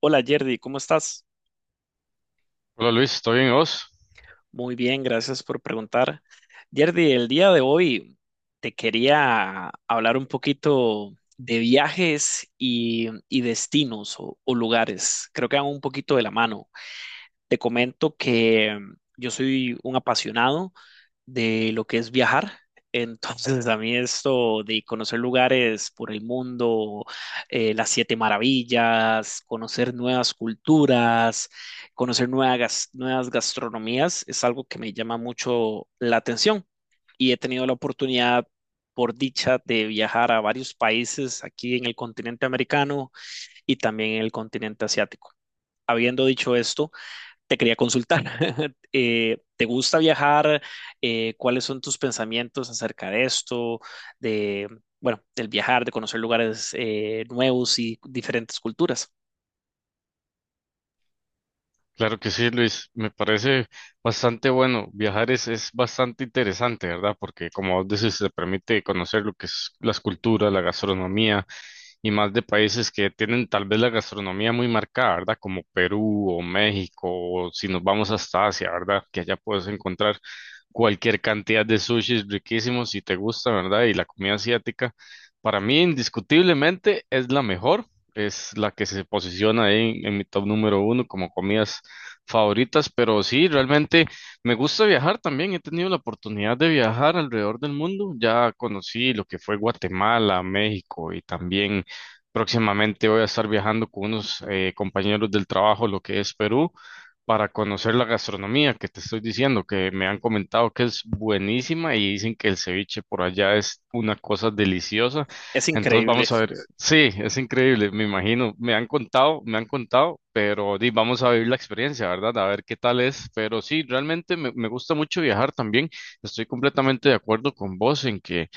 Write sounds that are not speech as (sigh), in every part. Hola Yerdy, ¿cómo estás? Hola Luis, ¿todo bien y vos? Muy bien, gracias por preguntar. Yerdy, el día de hoy te quería hablar un poquito de viajes y destinos o lugares. Creo que van un poquito de la mano. Te comento que yo soy un apasionado de lo que es viajar. (laughs) Entonces, a mí esto de conocer lugares por el mundo, las siete maravillas, conocer nuevas culturas, conocer nuevas gastronomías, es algo que me llama mucho la atención. Y he tenido la oportunidad, por dicha, de viajar a varios países aquí en el continente americano y también en el continente asiático. Habiendo dicho esto, te quería consultar, (laughs) ¿te gusta viajar? ¿Cuáles son tus pensamientos acerca de esto? De, bueno, del viajar, de conocer lugares nuevos y diferentes culturas. Claro que sí, Luis. Me parece bastante bueno. Viajar es bastante interesante, ¿verdad? Porque como vos decís, se permite conocer lo que es las culturas, la gastronomía y más de países que tienen tal vez la gastronomía muy marcada, ¿verdad? Como Perú o México, o si nos vamos hasta Asia, ¿verdad? Que allá puedes encontrar cualquier cantidad de sushis riquísimos si te gusta, ¿verdad? Y la comida asiática, para mí indiscutiblemente es la mejor. Es la que se posiciona ahí en mi top número uno como comidas favoritas, pero sí, realmente me gusta viajar también. He tenido la oportunidad de viajar alrededor del mundo. Ya conocí lo que fue Guatemala, México y también próximamente voy a estar viajando con unos compañeros del trabajo, lo que es Perú, para conocer la gastronomía que te estoy diciendo, que me han comentado que es buenísima y dicen que el ceviche por allá es una cosa deliciosa. Es Entonces increíble. vamos a ver. (laughs) Sí, es increíble, me imagino. Me han contado, pero di, vamos a vivir la experiencia, ¿verdad? A ver qué tal es. Pero sí, realmente me gusta mucho viajar también. Estoy completamente de acuerdo con vos en que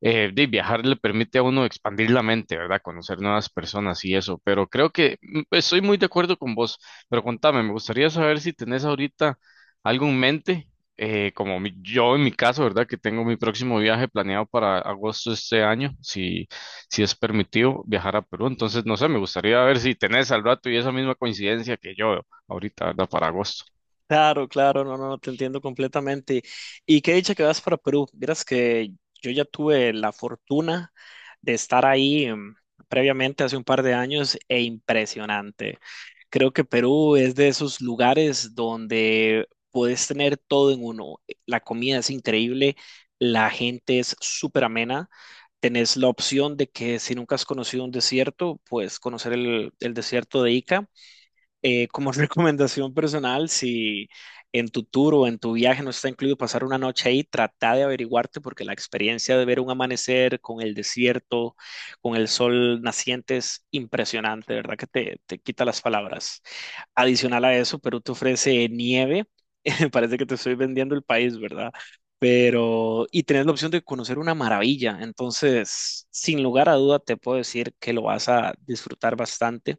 de viajar le permite a uno expandir la mente, ¿verdad? Conocer nuevas personas y eso, pero creo que pues, estoy muy de acuerdo con vos, pero contame, me gustaría saber si tenés ahorita algo en mente, como yo en mi caso, ¿verdad? Que tengo mi próximo viaje planeado para agosto de este año, si es permitido viajar a Perú, entonces no sé, me gustaría ver si tenés al rato y esa misma coincidencia que yo ahorita, ¿verdad? Para agosto. Claro, claro, no, no, no, te entiendo completamente. Y qué dicha que vas para Perú. Vieras que yo ya tuve la fortuna de estar ahí previamente hace un par de años e impresionante. Creo que Perú es de esos lugares donde puedes tener todo en uno. La comida es increíble, la gente es súper amena. Tenés la opción de que si nunca has conocido un desierto, pues conocer el desierto de Ica. Como (laughs) recomendación personal, si en tu tour o en tu viaje no está incluido pasar una noche ahí, trata de averiguarte porque la experiencia de ver un amanecer con el desierto, con el sol naciente es impresionante, de ¿verdad? Que te quita las palabras. Adicional a eso, Perú te ofrece nieve. (laughs) Parece que te estoy vendiendo el país, ¿verdad? Pero, y tenés la opción de conocer una maravilla. Entonces, sin lugar a duda, te puedo decir que lo vas a disfrutar bastante.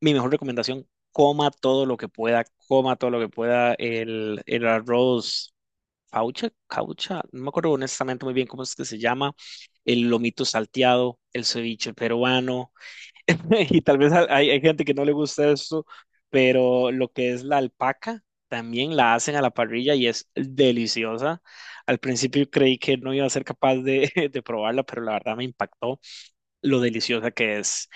Mi mejor recomendación, coma todo lo que pueda, coma todo lo que pueda. El arroz caucha, caucha, no me acuerdo honestamente muy bien cómo es que se llama. El lomito salteado, el ceviche peruano. (laughs) Y tal vez hay gente que no le gusta esto, pero lo que es la alpaca también la hacen a la parrilla y es deliciosa. Al principio creí que no iba a ser capaz de, (laughs) de probarla, pero la verdad me impactó lo deliciosa que es.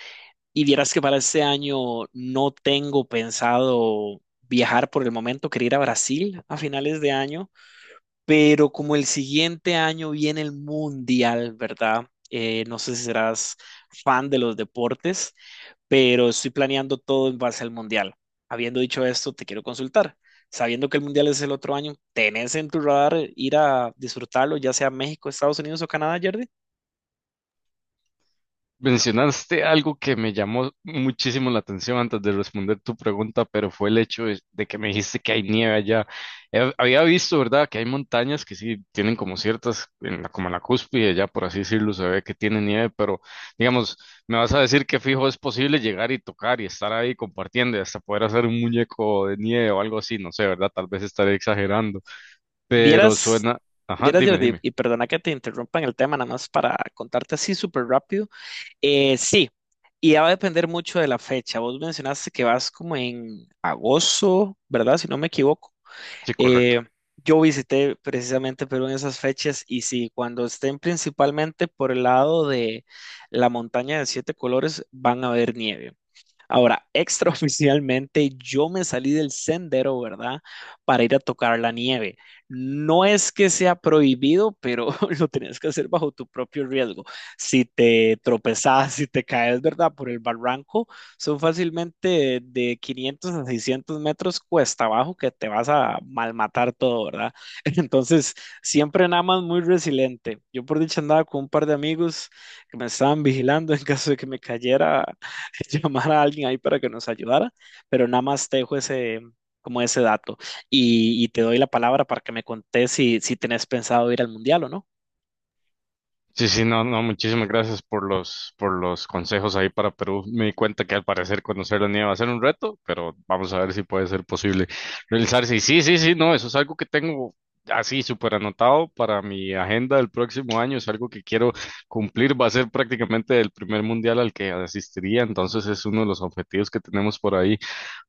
Y vieras que para este año no tengo pensado viajar por el momento, quería ir a Brasil a finales de año, pero como el siguiente año viene el Mundial, ¿verdad? No sé si serás fan de los deportes pero estoy planeando todo en base al mundial. Habiendo dicho esto, te quiero consultar. Sabiendo que el mundial es el otro año, ¿tenés en tu radar ir a disfrutarlo, ya sea México, Estados Unidos o Canadá, Jordi? Mencionaste algo que me llamó muchísimo la atención antes de responder tu pregunta, pero fue el hecho de que me dijiste que hay nieve allá. He- había visto, ¿verdad?, que hay montañas que sí tienen como ciertas, como en la cúspide, ya por así decirlo, se ve que tiene nieve, pero digamos, me vas a decir que fijo es posible llegar y tocar y estar ahí compartiendo y hasta poder hacer un muñeco de nieve o algo así, no sé, ¿verdad? Tal vez estaré exagerando, pero Vieras, suena. Ajá, vieras, dime, Jordi, dime. y perdona que te interrumpa en el tema, nada más para contarte así súper rápido. Sí, y ya va a depender mucho de la fecha. Vos mencionaste que vas como en agosto, ¿verdad? Si no me equivoco. Sí, correcto. Eh, yo visité precisamente Perú en esas fechas y sí, cuando estén principalmente por el lado de la montaña de siete colores van a ver nieve. Ahora, (laughs) extraoficialmente yo me salí del sendero, ¿verdad? Para ir a tocar la nieve. No es que sea prohibido, pero (laughs) lo tienes que hacer bajo tu propio riesgo. Si te tropezas, si te caes, ¿verdad? Por el barranco, son fácilmente de 500 a 600 metros cuesta abajo que te vas a malmatar todo, ¿verdad? (laughs) Entonces, siempre nada más muy resiliente. Yo por dicha andaba con un par de amigos que me estaban vigilando en caso de que me cayera (laughs) llamar a alguien ahí para que nos ayudara, pero nada más te dejo ese, como ese dato y te doy la palabra para que me contés si tenés pensado ir al mundial o no. Sí, sí, no, no, muchísimas gracias por los consejos ahí para Perú. Me di cuenta que al parecer conocer la nieve va a ser un reto, pero vamos a ver si puede ser posible realizarse. Y sí, sí, sí, no, eso es algo que tengo así súper anotado para mi agenda del próximo año. Es algo que quiero cumplir. Va a ser prácticamente el primer mundial al que asistiría, entonces es uno de los objetivos que tenemos por ahí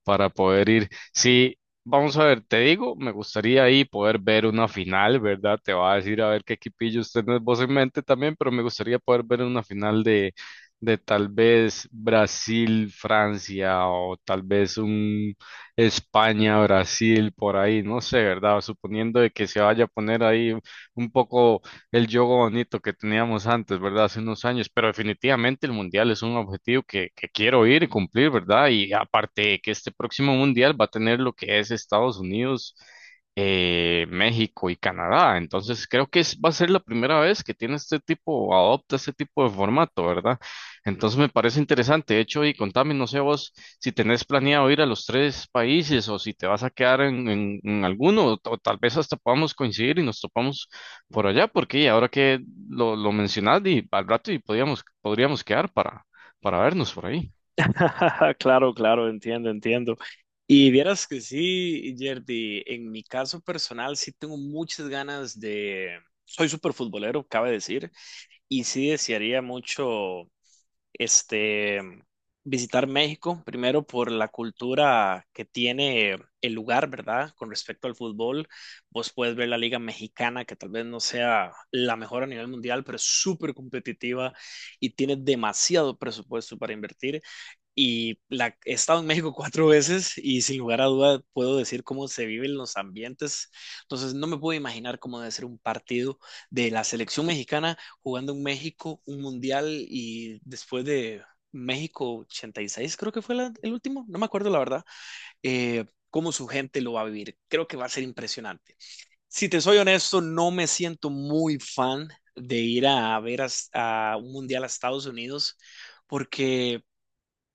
para poder ir. Sí, vamos a ver, te digo, me gustaría ahí poder ver una final, ¿verdad? Te va a decir a ver qué equipillo usted vos en mente también, pero me gustaría poder ver una final de tal vez Brasil, Francia o tal vez un España, Brasil, por ahí, no sé, ¿verdad? Suponiendo de que se vaya a poner ahí un poco el juego bonito que teníamos antes, ¿verdad? Hace unos años, pero definitivamente el mundial es un objetivo que quiero ir y cumplir, ¿verdad? Y aparte que este próximo mundial va a tener lo que es Estados Unidos, México y Canadá, entonces creo que es- va a ser la primera vez que tiene este tipo, adopta este tipo de formato, ¿verdad? Entonces me parece interesante, de hecho, y contame, no sé vos si tenés planeado ir a los tres países o si te vas a quedar en, en alguno, o tal vez hasta podamos coincidir y nos topamos por allá, porque ahora que lo mencionas, di, al rato y podríamos quedar para vernos por ahí. (laughs) Claro, claro, entiendo, entiendo. Y vieras que sí, Jerdy, en mi caso personal sí tengo muchas ganas de... Soy súper futbolero, cabe decir, y sí desearía mucho este, visitar México, primero por la cultura que tiene el lugar, ¿verdad? Con respecto al fútbol, vos puedes ver la Liga Mexicana, que tal vez no sea la mejor a nivel mundial, pero es súper competitiva y tiene demasiado presupuesto para invertir. He estado en México (laughs) cuatro veces y sin lugar a duda puedo decir cómo se viven los ambientes. Entonces no me puedo imaginar cómo debe ser un partido de la selección mexicana jugando en México, un mundial y después de México 86 creo que fue el último, no me acuerdo la verdad, eh, cómo su gente lo va a vivir. Creo que va a ser impresionante. Si te soy honesto, no me siento muy fan de ir a ver a un mundial a Estados Unidos porque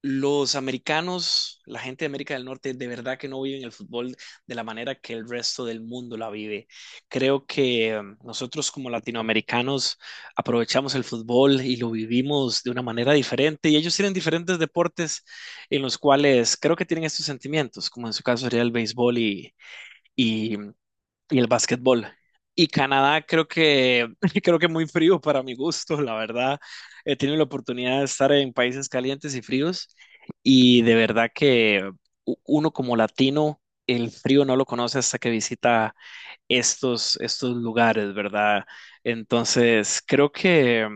los americanos, la gente de América del Norte, de verdad que no viven el fútbol de la manera que el resto del mundo la vive. Creo que nosotros como latinoamericanos aprovechamos el fútbol y lo vivimos de una manera diferente y ellos tienen diferentes deportes en los cuales creo que tienen estos sentimientos, como en su caso sería el béisbol y y el básquetbol. Y Canadá creo que (laughs) creo que muy frío para mi gusto, la verdad. He tenido la oportunidad de estar en países calientes y fríos y de verdad que uno como latino el frío no lo conoce hasta que visita estos lugares, ¿verdad? Entonces, creo que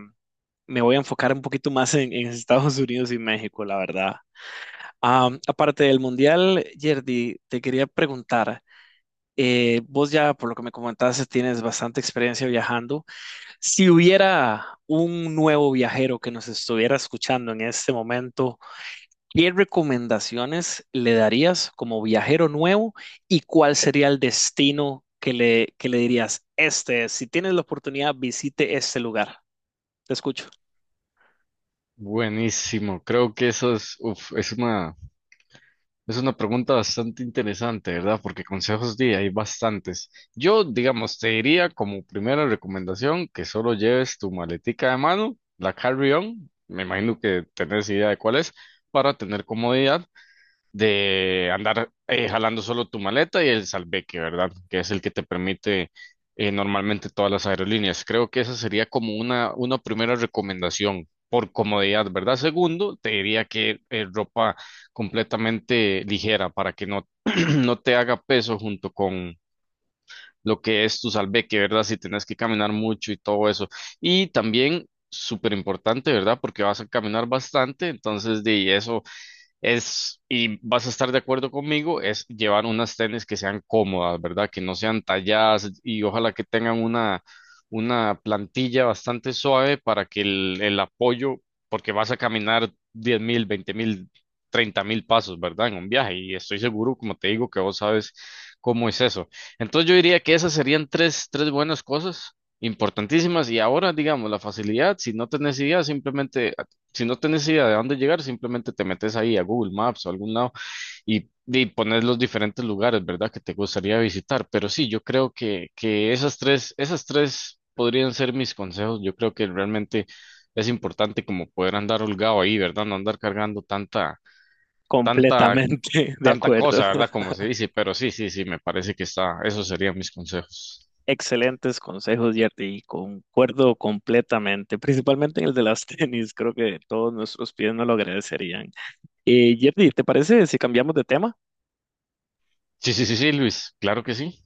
me voy a enfocar un poquito más en Estados Unidos y México, la verdad. Ah, aparte del mundial, Yerdy, te quería preguntar vos ya, por lo que me comentaste, tienes bastante experiencia viajando. Si hubiera un nuevo viajero que nos estuviera escuchando en este momento, ¿qué recomendaciones le darías como viajero nuevo y cuál sería el destino que que le dirías? Este, es, si tienes la oportunidad, visite este lugar. Te escucho. Buenísimo, creo que eso es, uf, es una pregunta bastante interesante, ¿verdad? Porque consejos di, hay bastantes. Yo, digamos, te diría como primera recomendación que solo lleves tu maletica de mano, la carry-on, me imagino que tenés idea de cuál es, para tener comodidad de andar jalando solo tu maleta y el salveque, ¿verdad? Que es el que te permite normalmente todas las aerolíneas. Creo que esa sería como una primera recomendación por comodidad, ¿verdad? Segundo, te diría que ropa completamente ligera para que no, (clears throat) no te haga peso junto con lo que es tu salveque, ¿verdad? Si tenés que caminar mucho y todo eso. Y también... Súper importante, ¿verdad? Porque vas a caminar bastante, entonces de y eso es, y vas a estar de acuerdo conmigo, es llevar unas tenis que sean cómodas, ¿verdad? Que no sean talladas y ojalá que tengan una plantilla bastante suave para que el apoyo, porque vas a caminar 10.000, 20.000, 30.000 pasos, ¿verdad? En un viaje y estoy seguro, como te digo, que vos sabes cómo es eso. Entonces yo diría que esas serían tres buenas cosas importantísimas. Y ahora digamos la facilidad si no tenés idea simplemente si no tenés idea de dónde llegar, simplemente te metes ahí a Google Maps o algún lado y pones los diferentes lugares, ¿verdad? Que te gustaría visitar. Pero sí, yo creo que esas tres podrían ser mis consejos. Yo creo que realmente es importante como poder andar holgado ahí, ¿verdad? No andar cargando tanta, tanta, Completamente (laughs) de tanta acuerdo. cosa, ¿verdad? Como se dice. Pero sí, sí, sí, me parece que está, esos serían mis consejos. Excelentes consejos, Yerty, y concuerdo completamente, principalmente en el de las (laughs) tenis, creo que todos nuestros pies nos lo agradecerían. Yerty, ¿te parece si cambiamos de tema? Sí, sí, sí, sí, Luis, claro que sí.